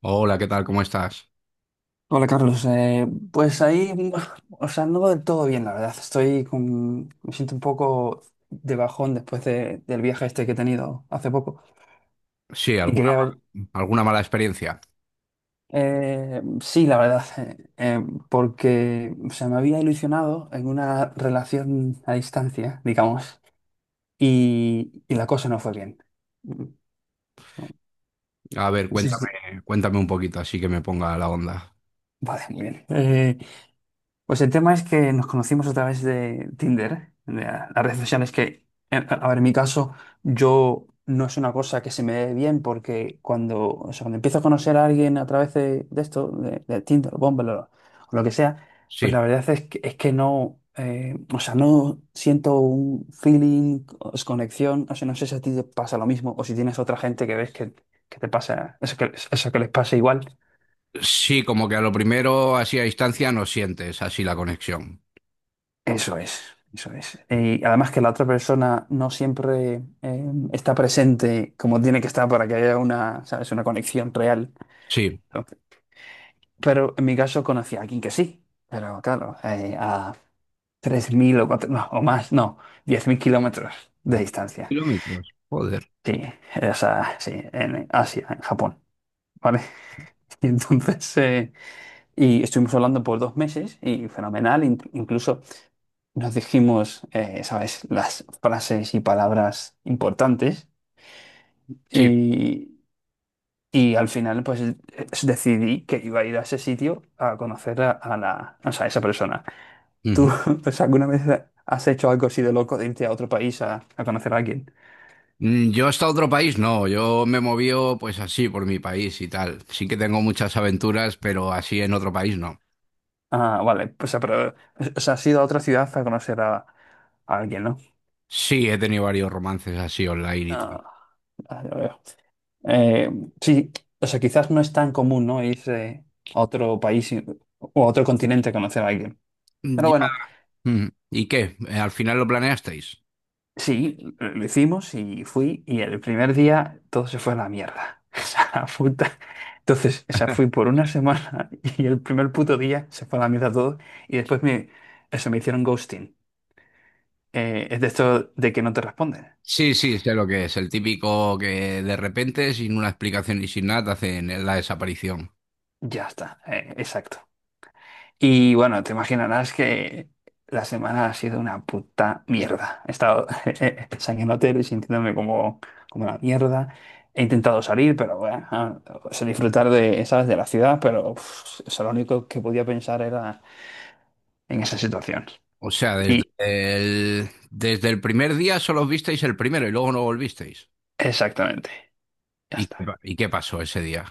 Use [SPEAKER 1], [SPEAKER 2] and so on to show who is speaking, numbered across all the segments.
[SPEAKER 1] Hola, ¿qué tal? ¿Cómo estás?
[SPEAKER 2] Hola Carlos, pues ahí, o sea, no del todo bien, la verdad. Estoy con, me siento un poco de bajón después del viaje este que he tenido hace poco.
[SPEAKER 1] Sí,
[SPEAKER 2] Y quería ver,
[SPEAKER 1] alguna mala experiencia.
[SPEAKER 2] sí, la verdad, porque, o sea, me había ilusionado en una relación a distancia, digamos, y la cosa no fue bien. Mm, no,
[SPEAKER 1] A ver,
[SPEAKER 2] no sé si-
[SPEAKER 1] cuéntame un poquito, así que me ponga la onda.
[SPEAKER 2] Vale, muy bien. Pues el tema es que nos conocimos a través de Tinder, las redes sociales que, a ver, en mi caso, yo no es una cosa que se me dé bien porque cuando, o sea, cuando empiezo a conocer a alguien a través de esto, de Tinder, o Bumble o lo que sea, pues
[SPEAKER 1] Sí,
[SPEAKER 2] la verdad es que no, o sea, no siento un feeling, o es conexión, o sea, no sé si a ti te pasa lo mismo o si tienes otra gente que ves que te pasa, eso que les pasa igual.
[SPEAKER 1] sí, como que a lo primero, así a distancia, no sientes así la conexión.
[SPEAKER 2] Eso es, eso es. Y además que la otra persona no siempre está presente como tiene que estar para que haya una, ¿sabes?, una conexión real.
[SPEAKER 1] Sí.
[SPEAKER 2] Entonces, pero en mi caso conocí a alguien que sí, pero claro, a 3.000 o, cuatro- no, o más, no, 10.000 kilómetros de
[SPEAKER 1] Diez
[SPEAKER 2] distancia.
[SPEAKER 1] Kilómetros, joder.
[SPEAKER 2] Sí, esa, sí, en Asia, en Japón. ¿Vale? Y entonces, y estuvimos hablando por 2 meses y fenomenal, incluso nos dijimos, ¿sabes?, las frases y palabras importantes
[SPEAKER 1] Sí.
[SPEAKER 2] y, y al final pues decidí que iba a ir a ese sitio a conocer a la, o sea, a esa persona.
[SPEAKER 1] Ujú.
[SPEAKER 2] ¿Tú pues alguna vez has hecho algo así de loco de irte a otro país a conocer a alguien?
[SPEAKER 1] Yo hasta otro país, no, yo me moví pues así por mi país y tal. Sí que tengo muchas aventuras, pero así en otro país no.
[SPEAKER 2] Ah, vale, pues ah, pero, o sea, has ido a otra ciudad a conocer a alguien, ¿no?
[SPEAKER 1] Sí, he tenido varios romances así online y tal.
[SPEAKER 2] Ah, ah, ya veo. Eh, sí, o sea, quizás no es tan común, ¿no?, irse a otro país o a otro continente a conocer a alguien. Pero
[SPEAKER 1] Ya.
[SPEAKER 2] bueno,
[SPEAKER 1] ¿Y qué? ¿Al final lo planeasteis?
[SPEAKER 2] sí, lo hicimos y fui y el primer día todo se fue a la mierda. Esa la puta. Entonces, esa fui por una semana y el primer puto día se fue a la mierda todo y después me, eso, me hicieron ghosting. Es de esto de que no te responden.
[SPEAKER 1] Sí, sí, sé lo que es. El típico que de repente, sin una explicación y sin nada, te hacen la desaparición.
[SPEAKER 2] Ya está, exacto. Y bueno, te imaginarás que la semana ha sido una puta mierda. He estado en hotel y sintiéndome como una mierda. He intentado salir, pero bueno, ah, o sea, disfrutar de, ¿sabes?, de la ciudad, pero uf, o sea, lo único que podía pensar era en esa situación.
[SPEAKER 1] O sea,
[SPEAKER 2] Y
[SPEAKER 1] desde el primer día solo os visteis el primero y luego no volvisteis.
[SPEAKER 2] exactamente, ya
[SPEAKER 1] ¿Y, qué
[SPEAKER 2] está.
[SPEAKER 1] pa- Y qué pasó ese día?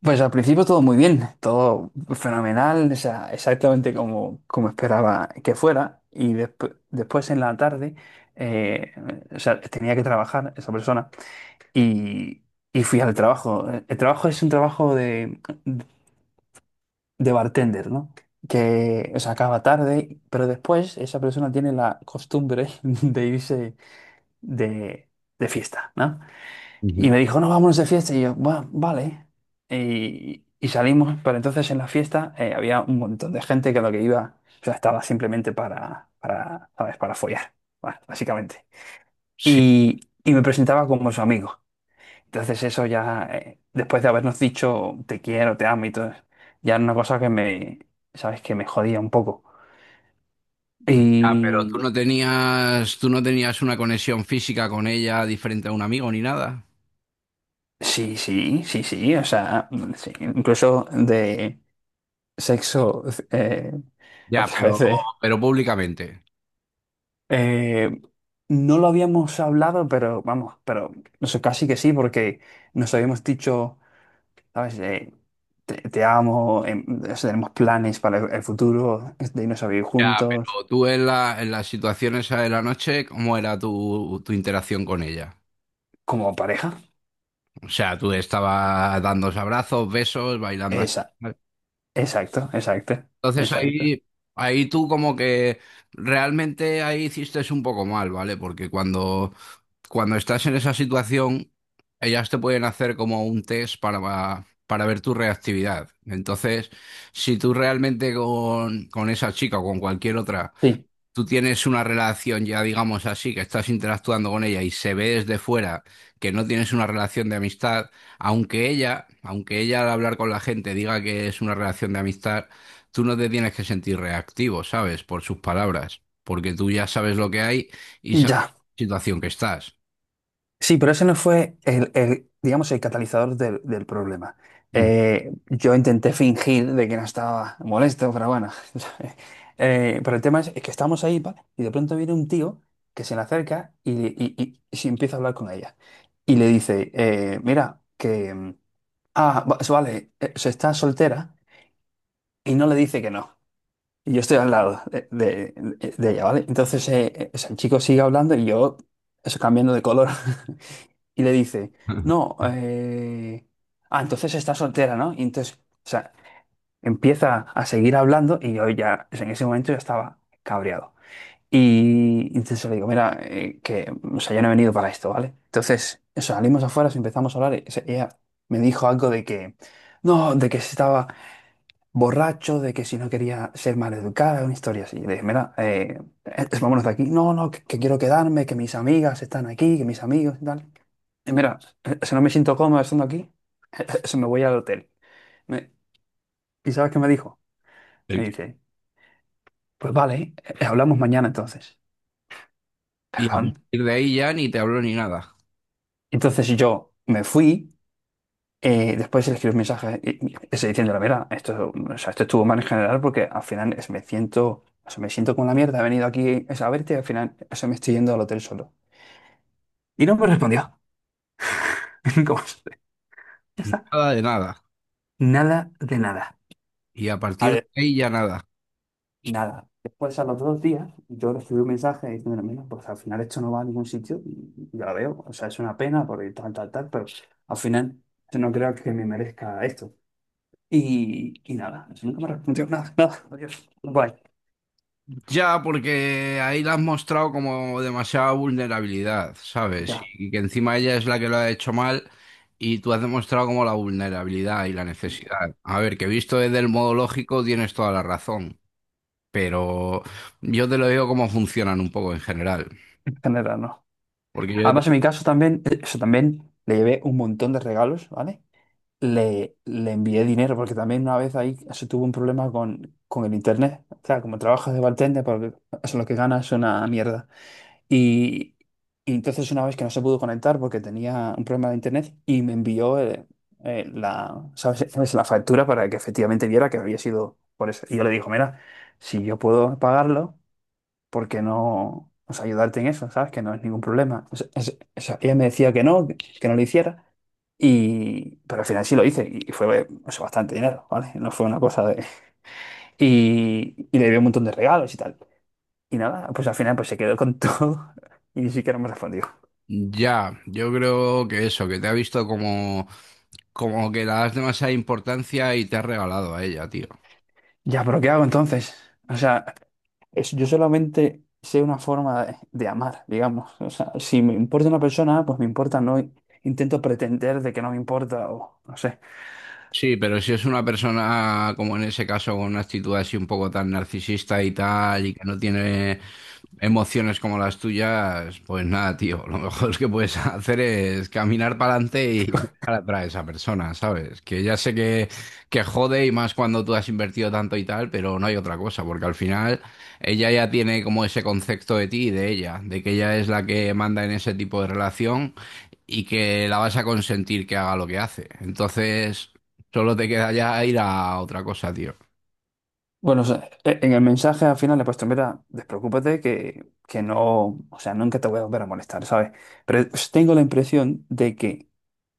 [SPEAKER 2] Pues al principio todo muy bien, todo fenomenal, o sea, exactamente como esperaba que fuera. Y después en la tarde, eh, o sea, tenía que trabajar esa persona y, y fui al trabajo. El trabajo es un trabajo de bartender, ¿no? Que, o sea, acaba tarde, pero después esa persona tiene la costumbre de irse de, de fiesta, ¿no? Y
[SPEAKER 1] Ujú.
[SPEAKER 2] me dijo, no, vámonos de fiesta. Y yo, bueno, vale. Y salimos, pero entonces en la fiesta había un montón de gente que lo que iba, o sea, estaba simplemente para, ¿sabes?, para follar, básicamente.
[SPEAKER 1] Sí,
[SPEAKER 2] Y me presentaba como su amigo. Entonces eso ya, después de habernos dicho te quiero, te amo y todo, ya era una cosa que me, ¿sabes?, que me jodía un poco.
[SPEAKER 1] ah, pero
[SPEAKER 2] Y
[SPEAKER 1] tú no tenías una conexión física con ella diferente a un amigo ni nada.
[SPEAKER 2] sí, sí, sí, sí, o sea, sí, incluso de sexo, eh, a
[SPEAKER 1] Ya,
[SPEAKER 2] través de,
[SPEAKER 1] pero públicamente.
[SPEAKER 2] Eh, no lo habíamos hablado, pero vamos, pero no sé, casi que sí, porque nos habíamos dicho, ¿sabes?, te amo, o sea, tenemos planes para el futuro, de irnos a vivir
[SPEAKER 1] Ya,
[SPEAKER 2] juntos,
[SPEAKER 1] pero tú en las situaciones de la noche, ¿cómo era tu interacción con ella?
[SPEAKER 2] como pareja.
[SPEAKER 1] O sea, tú estaba dándose abrazos, besos, bailando. Así.
[SPEAKER 2] Esa,
[SPEAKER 1] ¿Vale?
[SPEAKER 2] exacto, exacto,
[SPEAKER 1] Entonces
[SPEAKER 2] exacto.
[SPEAKER 1] ahí tú como que realmente ahí hiciste un poco mal, ¿vale? Porque cuando estás en esa situación, ellas te pueden hacer como un test para ver tu reactividad. Entonces, si tú realmente con esa chica o con cualquier otra
[SPEAKER 2] Sí,
[SPEAKER 1] tú tienes una relación ya, digamos así, que estás interactuando con ella y se ve desde fuera que no tienes una relación de amistad, aunque ella al hablar con la gente diga que es una relación de amistad, tú no te tienes que sentir reactivo, ¿sabes? Por sus palabras, porque tú ya sabes lo que hay y sabes
[SPEAKER 2] ya.
[SPEAKER 1] la situación que estás.
[SPEAKER 2] Sí, pero ese no fue el, digamos, el catalizador del problema.
[SPEAKER 1] Ujú.
[SPEAKER 2] Yo intenté fingir de que no estaba molesto, pero bueno. Pero el tema es que estamos ahí, ¿vale? Y de pronto viene un tío que se le acerca y se empieza a hablar con ella. Y le dice, mira, que... Ah, vale, se está soltera y no le dice que no. Y yo estoy al lado de ella, ¿vale? Entonces o sea, el chico sigue hablando y yo, eso cambiando de color y le dice, no, ah, entonces está soltera, ¿no? Y entonces, o sea, empieza a seguir hablando y yo ya, o sea, en ese momento ya estaba cabreado. Y entonces le digo, mira, que, o sea, yo no he venido para esto, ¿vale? Entonces, o sea, salimos afuera, empezamos a hablar, y, o sea, ella me dijo algo de que, no, de que si estaba borracho, de que si no quería ser maleducada, una historia así. Y le dije, mira, vámonos de aquí. No, no, que quiero quedarme, que mis amigas están aquí, que mis amigos y tal. Y mira, si no me siento cómodo estando aquí, se me voy al hotel. Me- ¿Y sabes qué me dijo? Me dice, pues vale, hablamos mañana entonces.
[SPEAKER 1] Y a partir
[SPEAKER 2] Perdón.
[SPEAKER 1] de ahí ya ni te habló ni nada,
[SPEAKER 2] Entonces yo me fui, después le escribí un mensaje ese diciendo, mira, esto, o sea, esto estuvo mal en general porque al final me siento, o sea, me siento como la mierda, he venido aquí es, a verte y al final, o sea, me estoy yendo al hotel solo. Y no me respondió. Como, siempre. Ya está.
[SPEAKER 1] nada de nada.
[SPEAKER 2] Nada de nada.
[SPEAKER 1] Y a partir de ahí ya nada.
[SPEAKER 2] Y nada, después a los 2 días yo recibí un mensaje diciéndome, mira, pues al final esto no va a ningún sitio y ya lo veo, o sea, es una pena porque tal, tal, tal, pero al final yo no creo que me merezca esto. Y nada, eso nunca me respondió nada, nada, adiós, bye
[SPEAKER 1] Ya, porque ahí la has mostrado como demasiada vulnerabilidad, ¿sabes?
[SPEAKER 2] ya,
[SPEAKER 1] Y que encima ella es la que lo ha hecho mal y tú has demostrado como la vulnerabilidad y la necesidad. A ver, que visto desde el modo lógico tienes toda la razón, pero yo te lo digo cómo funcionan un poco en general.
[SPEAKER 2] en general no.
[SPEAKER 1] Porque yo te-
[SPEAKER 2] Además, en mi caso también, eso también, le llevé un montón de regalos, ¿vale? Le envié dinero porque también una vez ahí se tuvo un problema con el internet. O sea, como trabajas de bartender, porque eso lo que ganas es una mierda. Y, y entonces una vez que no se pudo conectar porque tenía un problema de internet y me envió la, ¿sabes? ¿sabes?, la factura para que efectivamente viera que había sido por eso. Y yo le digo, mira, si yo puedo pagarlo, ¿por qué no, o sea, ayudarte en eso? ¿Sabes? Que no es ningún problema. O sea, ella me decía que no, que no lo hiciera. Y, pero al final sí lo hice y fue, o sea, bastante dinero, ¿vale? No fue una cosa de... Y le dio un montón de regalos y tal. Y nada, pues al final pues se quedó con todo y ni siquiera me respondió.
[SPEAKER 1] ya, yo creo que eso, que te ha visto como que le das demasiada importancia y te has regalado a ella, tío.
[SPEAKER 2] Ya, pero ¿qué hago entonces? O sea, yo solamente sé una forma de amar, digamos. O sea, si me importa una persona, pues me importa, no intento pretender de que no me importa o no sé.
[SPEAKER 1] Sí, pero si es una persona, como en ese caso, con una actitud así un poco tan narcisista y tal, y que no tiene emociones como las tuyas, pues nada, tío, lo mejor que puedes hacer es caminar para adelante y dejar atrás a esa persona, ¿sabes? Que ya sé que jode y más cuando tú has invertido tanto y tal, pero no hay otra cosa, porque al final ella ya tiene como ese concepto de ti y de ella, de que ella es la que manda en ese tipo de relación y que la vas a consentir que haga lo que hace. Entonces... Solo te queda ya ir a otra cosa, tío.
[SPEAKER 2] Bueno, o sea, en el mensaje al final le he puesto, mira, despreocúpate que no, o sea, nunca te voy a volver a molestar, ¿sabes? Pero tengo la impresión de que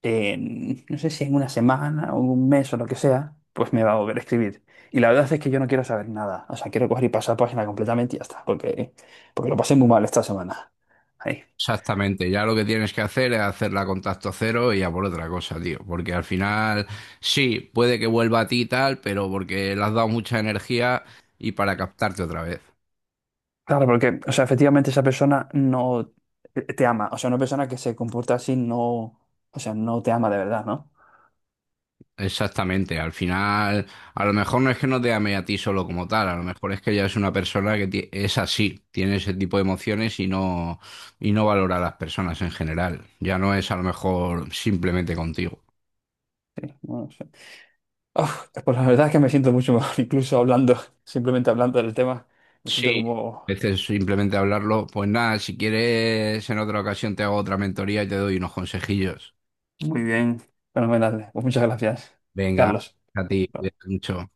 [SPEAKER 2] en, no sé si en una semana o un mes o lo que sea, pues me va a volver a escribir. Y la verdad es que yo no quiero saber nada. O sea, quiero coger y pasar página completamente y ya está, porque lo pasé muy mal esta semana. Ahí.
[SPEAKER 1] Exactamente, ya lo que tienes que hacer es hacerla a contacto cero y a por otra cosa, tío. Porque al final, sí, puede que vuelva a ti y tal, pero porque le has dado mucha energía y para captarte otra vez.
[SPEAKER 2] Claro, porque, o sea, efectivamente esa persona no te ama. O sea, una persona que se comporta así no, o sea, no te ama de verdad, ¿no?
[SPEAKER 1] Exactamente, al final, a lo mejor no es que no te ame a ti solo como tal, a lo mejor es que ya es una persona es así, tiene ese tipo de emociones y no valora a las personas en general. Ya no es a lo mejor simplemente contigo.
[SPEAKER 2] Sí, no sé. Uf, pues la verdad es que me siento mucho mejor, incluso hablando, simplemente hablando del tema, me siento
[SPEAKER 1] Sí,
[SPEAKER 2] como
[SPEAKER 1] a veces simplemente hablarlo, pues nada, si quieres en otra ocasión te hago otra mentoría y te doy unos consejillos.
[SPEAKER 2] muy bien, fenomenal. Pues muchas gracias,
[SPEAKER 1] Venga,
[SPEAKER 2] Carlos.
[SPEAKER 1] a ti, cuídate mucho.